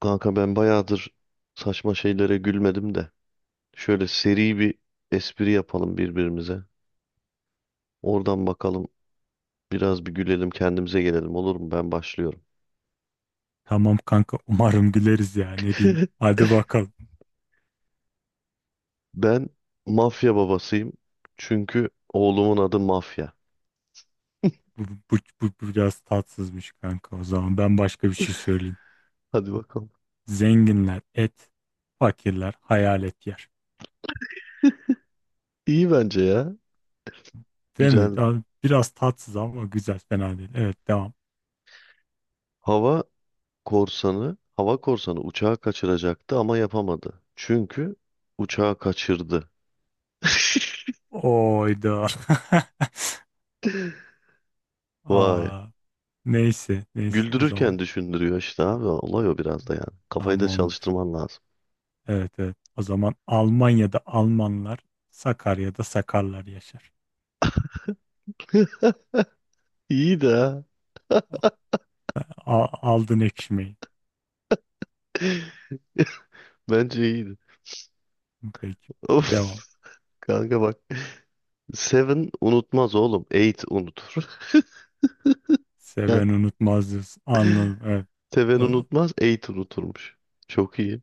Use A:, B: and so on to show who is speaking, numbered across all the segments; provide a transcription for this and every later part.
A: Kanka ben bayağıdır saçma şeylere gülmedim de. Şöyle seri bir espri yapalım birbirimize. Oradan bakalım biraz gülelim kendimize gelelim, olur mu? Ben başlıyorum.
B: Tamam kanka, umarım güleriz ya, ne diyeyim. Hadi bakalım.
A: Ben mafya babasıyım. Çünkü oğlumun adı mafya.
B: Bu, bu biraz tatsızmış kanka, o zaman ben başka bir şey söyleyeyim.
A: Hadi bakalım.
B: Zenginler et, fakirler hayalet yer.
A: İyi bence ya.
B: Değil mi?
A: Güzel.
B: Ya biraz tatsız ama güzel, fena değil. Evet, devam.
A: Hava hava korsanı uçağı kaçıracaktı ama yapamadı. Çünkü uçağı kaçırdı.
B: Oyda.
A: Vay.
B: Aa, neyse neyse, o zaman
A: Güldürürken düşündürüyor işte abi. Olay o biraz da yani. Kafayı da
B: tamamdır.
A: çalıştırman lazım.
B: Evet evet, o zaman Almanya'da Almanlar, Sakarya'da Sakarlar yaşar.
A: İyi de
B: A- aldın ekşimeyi.
A: bence iyiydi.
B: Peki,
A: Of,
B: devam.
A: kanka bak. Seven unutmaz oğlum. Eight unutur. Yani
B: Seven unutmaz diyorsun. Anladım. Evet.
A: Seven
B: O-
A: unutmaz. Eight unuturmuş. Çok iyi.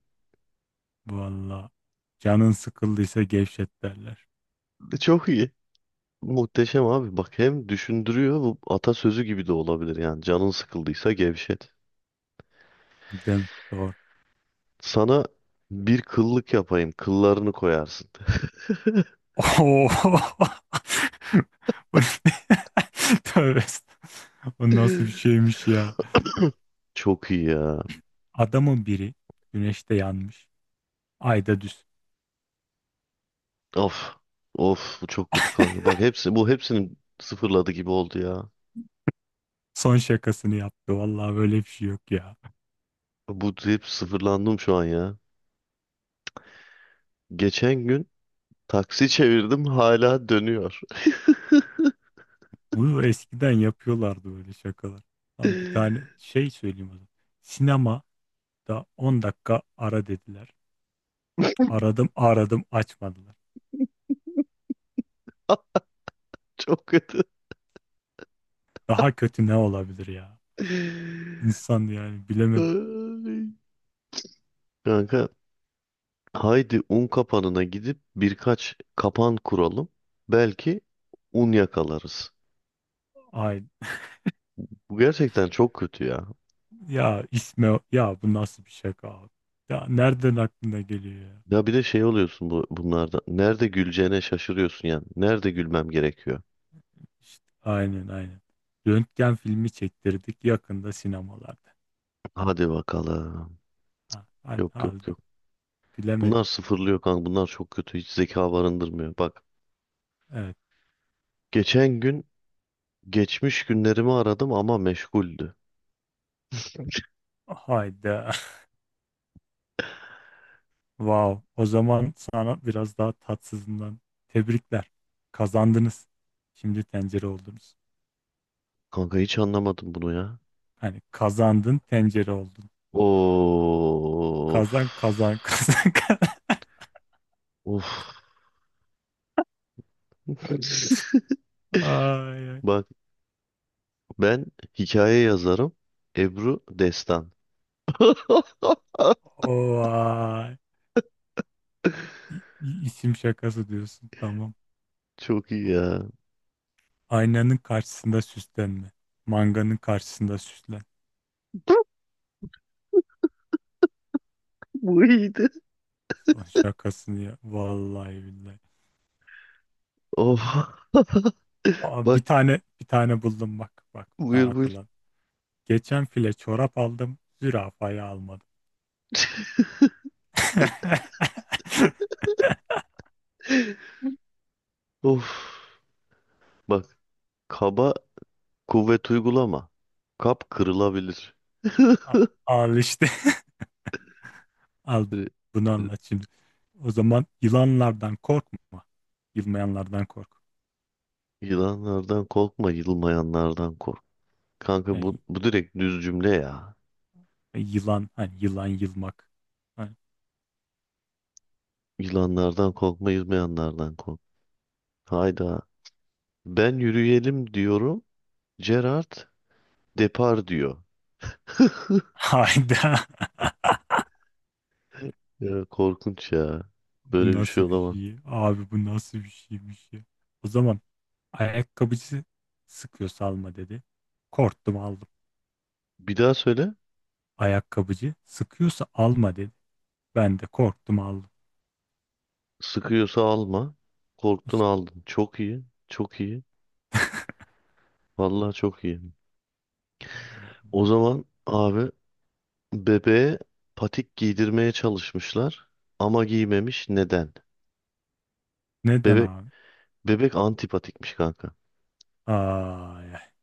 B: valla. Canın sıkıldıysa gevşet derler.
A: Çok iyi. Muhteşem abi. Bak, hem düşündürüyor. Bu atasözü gibi de olabilir yani. Canın sıkıldıysa gevşet.
B: Değil mi? Doğru.
A: Sana bir kıllık yapayım. Kıllarını koyarsın.
B: Oo. Bu ne? Tövbe, estağfurullah. O nasıl bir şeymiş ya?
A: Çok iyi ya.
B: Adamın biri güneşte yanmış. Ayda düz.
A: Of. Of, bu çok kötü kanka. Bak, hepsi bu, hepsini sıfırladı gibi oldu ya.
B: Son şakasını yaptı. Vallahi böyle bir şey yok ya.
A: Bu hep sıfırlandım şu an ya. Geçen gün taksi çevirdim, hala dönüyor.
B: Bunu eskiden yapıyorlardı, böyle şakalar. Lan bir tane şey söyleyeyim o zaman. Sinemada 10 dakika ara dediler. Aradım aradım, açmadılar.
A: Çok kötü.
B: Daha kötü ne olabilir ya? İnsan yani, bilemedim.
A: Ay. Kanka, haydi un kapanına gidip birkaç kapan kuralım. Belki un yakalarız.
B: Ay
A: Bu gerçekten çok kötü ya.
B: ya isme, ya bu nasıl bir şaka abi? Ya nereden aklına geliyor ya?
A: Ya bir de şey oluyorsun bunlarda. Nerede güleceğine şaşırıyorsun yani. Nerede gülmem gerekiyor?
B: İşte, aynen. Röntgen filmi çektirdik, yakında sinemalarda.
A: Hadi bakalım.
B: Ha, hadi,
A: Yok,
B: hadi,
A: yok, yok.
B: bilemedim.
A: Bunlar sıfırlıyor kanka. Bunlar çok kötü. Hiç zeka barındırmıyor. Bak,
B: Evet.
A: geçen gün geçmiş günlerimi aradım ama meşguldü.
B: Hayda. Wow. O zaman sana biraz daha tatsızından tebrikler. Kazandınız. Şimdi tencere oldunuz.
A: Kanka, hiç anlamadım bunu ya.
B: Hani kazandın, tencere oldun.
A: Of.
B: Kazan kazan kazan kazan.
A: Of.
B: Ay, ay.
A: Bak, ben hikaye yazarım. Ebru Destan.
B: Oy. İsim şakası diyorsun. Tamam.
A: Çok iyi ya.
B: Aynanın karşısında süslenme. Manganın karşısında süslen.
A: Bu iyiydi.
B: Son şakasını ya. Vallahi billahi.
A: Of.
B: Aa, bir
A: Bak,
B: tane bir tane buldum bak. Bak, bir tane
A: buyur buyur.
B: hatırladım. Geçen file çorap aldım. Zürafayı almadım.
A: Of. Bak, kaba kuvvet uygulama. Kap kırılabilir.
B: A- al işte. Al,
A: Ee,
B: bunu anlat şimdi. O zaman yılanlardan korkma. Yılmayanlardan kork.
A: Yılanlardan korkma, yılmayanlardan kork. Kanka bu,
B: Yani
A: bu direkt düz cümle ya.
B: yılan, hani yılan, yılmak. Hani,
A: Yılanlardan korkma, yılmayanlardan kork. Hayda. Ben yürüyelim diyorum. Gerard depar diyor.
B: hayda.
A: Ya korkunç ya.
B: Bu
A: Böyle bir şey
B: nasıl bir
A: olamaz.
B: şey? Abi bu nasıl bir şeymiş ya? O zaman ayakkabıcı sıkıyorsa alma dedi. Korktum aldım.
A: Bir daha söyle.
B: Ayakkabıcı sıkıyorsa alma dedi. Ben de korktum aldım.
A: Sıkıyorsa alma. Korktun
B: İşte
A: aldın. Çok iyi. Çok iyi. Vallahi çok iyi.
B: o-
A: O zaman abi, bebeğe patik giydirmeye çalışmışlar. Ama giymemiş. Neden?
B: neden
A: Bebek
B: abi?
A: Bebek antipatikmiş kanka.
B: Ay, ay.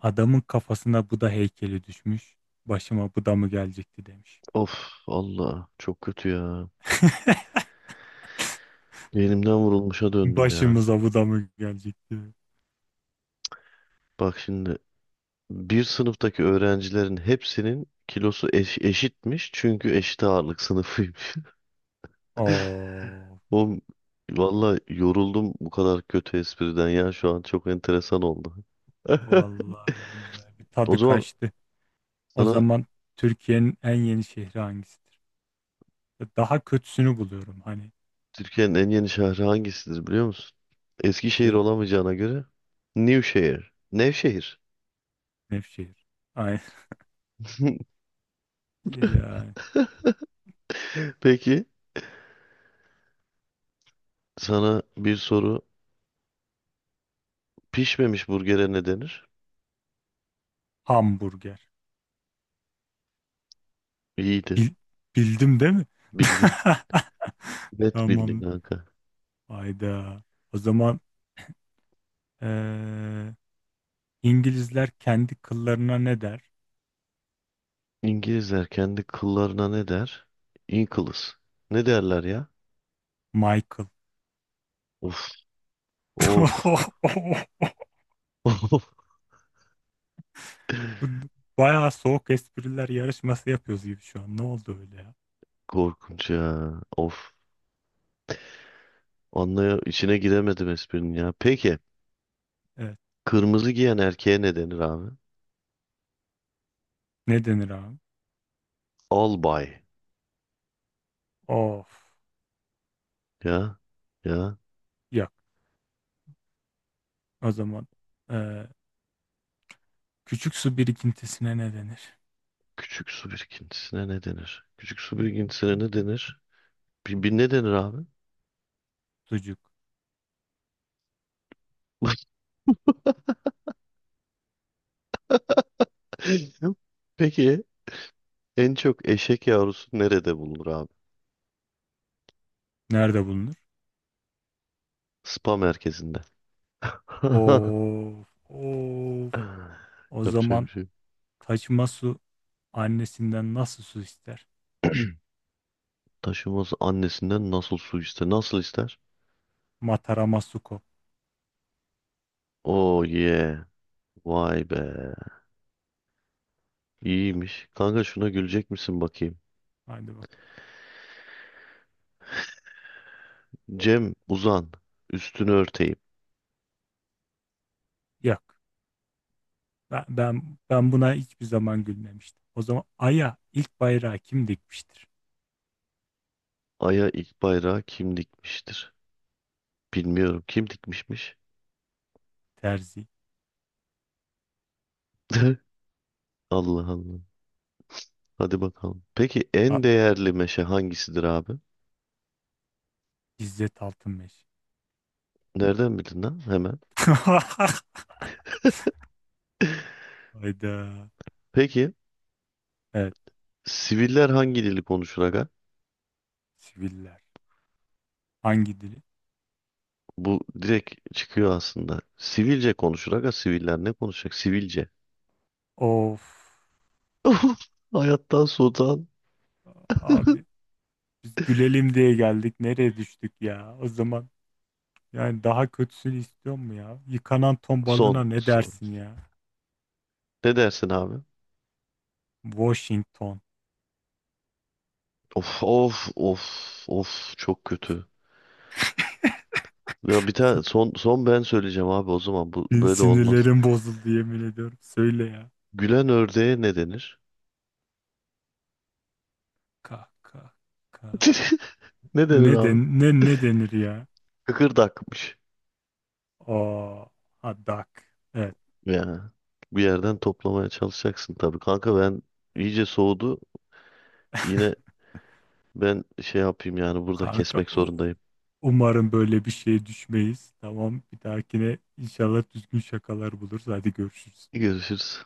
B: Adamın kafasına Buda heykeli düşmüş. Başıma Buda mı gelecekti demiş.
A: Of Allah, çok kötü ya. Elimden vurulmuşa döndüm ya.
B: Başımıza Buda mı gelecekti?
A: Bak şimdi, bir sınıftaki öğrencilerin hepsinin kilosu eşitmiş çünkü eşit ağırlık sınıfıymış.
B: Oo.
A: Oğlum, valla yoruldum, bu kadar kötü espriden ya şu an çok enteresan oldu.
B: Vallahi billahi bir
A: O
B: tadı
A: zaman
B: kaçtı. O
A: sana
B: zaman Türkiye'nin en yeni şehri hangisidir? Daha kötüsünü buluyorum hani,
A: Türkiye'nin en yeni şehri hangisidir biliyor musun? Eskişehir
B: işte
A: olamayacağına göre Nevşehir. Nevşehir.
B: Nevşehir. Ay ya,
A: Peki, sana bir soru: pişmemiş burgere ne denir?
B: hamburger.
A: İyiydi.
B: Bil- bildim değil mi?
A: Bildin. Net bildin
B: Tamam.
A: kanka.
B: Hayda. O zaman eee, İngilizler kendi kıllarına ne der?
A: İngilizler kendi kıllarına ne der? Inkles. Ne derler ya?
B: Michael.
A: Of. Of. Of.
B: Bayağı soğuk espriler yarışması yapıyoruz gibi şu an. Ne oldu öyle ya?
A: Korkunç ya. Of. Anlaya içine giremedim esprinin ya. Peki.
B: Evet.
A: Kırmızı giyen erkeğe ne denir abi?
B: Ne denir abi?
A: Albay.
B: Of.
A: Ya. Ya.
B: Yok. O zaman eee, küçük su birikintisine ne denir?
A: Küçük su birikintisine ne denir? Küçük su birikintisine ne denir? Bir ne denir abi?
B: Sucuk.
A: Peki. En çok eşek yavrusu nerede bulunur abi?
B: Nerede bulunur?
A: Spa merkezinde.
B: Of. Of. O
A: Yapacak bir
B: zaman
A: şey yok.
B: taşıma su annesinden nasıl su ister?
A: Taşıması annesinden nasıl su ister? Nasıl ister?
B: Matarama suko.
A: Oh yeah. Vay be. İyiymiş. Kanka, şuna gülecek misin bakayım?
B: Haydi bak.
A: Cem uzan. Üstünü örteyim.
B: Yok. Ben buna hiçbir zaman gülmemiştim. O zaman Ay'a ilk bayrağı kim dikmiştir?
A: Ay'a ilk bayrağı kim dikmiştir? Bilmiyorum. Kim dikmişmiş?
B: Terzi.
A: Allah Allah. Hadi bakalım. Peki,
B: A
A: en değerli meşe hangisidir abi?
B: İzzet Altınmeş.
A: Nereden bildin lan hemen?
B: Hayda.
A: Peki,
B: Evet.
A: siviller hangi dili konuşur aga?
B: Siviller. Hangi dili?
A: Bu direkt çıkıyor aslında. Sivilce konuşur aga. Siviller ne konuşacak? Sivilce.
B: Of.
A: Hayattan soğutan
B: Abi biz gülelim diye geldik. Nereye düştük ya? O zaman yani daha kötüsünü istiyor mu ya? Yıkanan ton
A: son,
B: balığına ne
A: son.
B: dersin ya?
A: Ne dersin abi?
B: Washington.
A: Of, of, of, of, çok kötü. Ya bir tane son son ben söyleyeceğim abi, o zaman bu
B: Bir
A: böyle olmaz.
B: sinirlerim bozuldu, yemin ediyorum. Söyle ya.
A: Gülen ördeğe ne denir?
B: Ka ka ka.
A: Ne denir
B: Ne
A: abi?
B: den ne ne denir ya?
A: Kıkırdakmış.
B: Aa, ha, duck. Evet.
A: Ya bir yerden toplamaya çalışacaksın tabii. Kanka, ben iyice soğudu. Yine ben şey yapayım yani, burada
B: Kanka
A: kesmek
B: u-
A: zorundayım.
B: umarım böyle bir şeye düşmeyiz. Tamam, bir dahakine inşallah düzgün şakalar buluruz. Hadi görüşürüz.
A: Görüşürüz.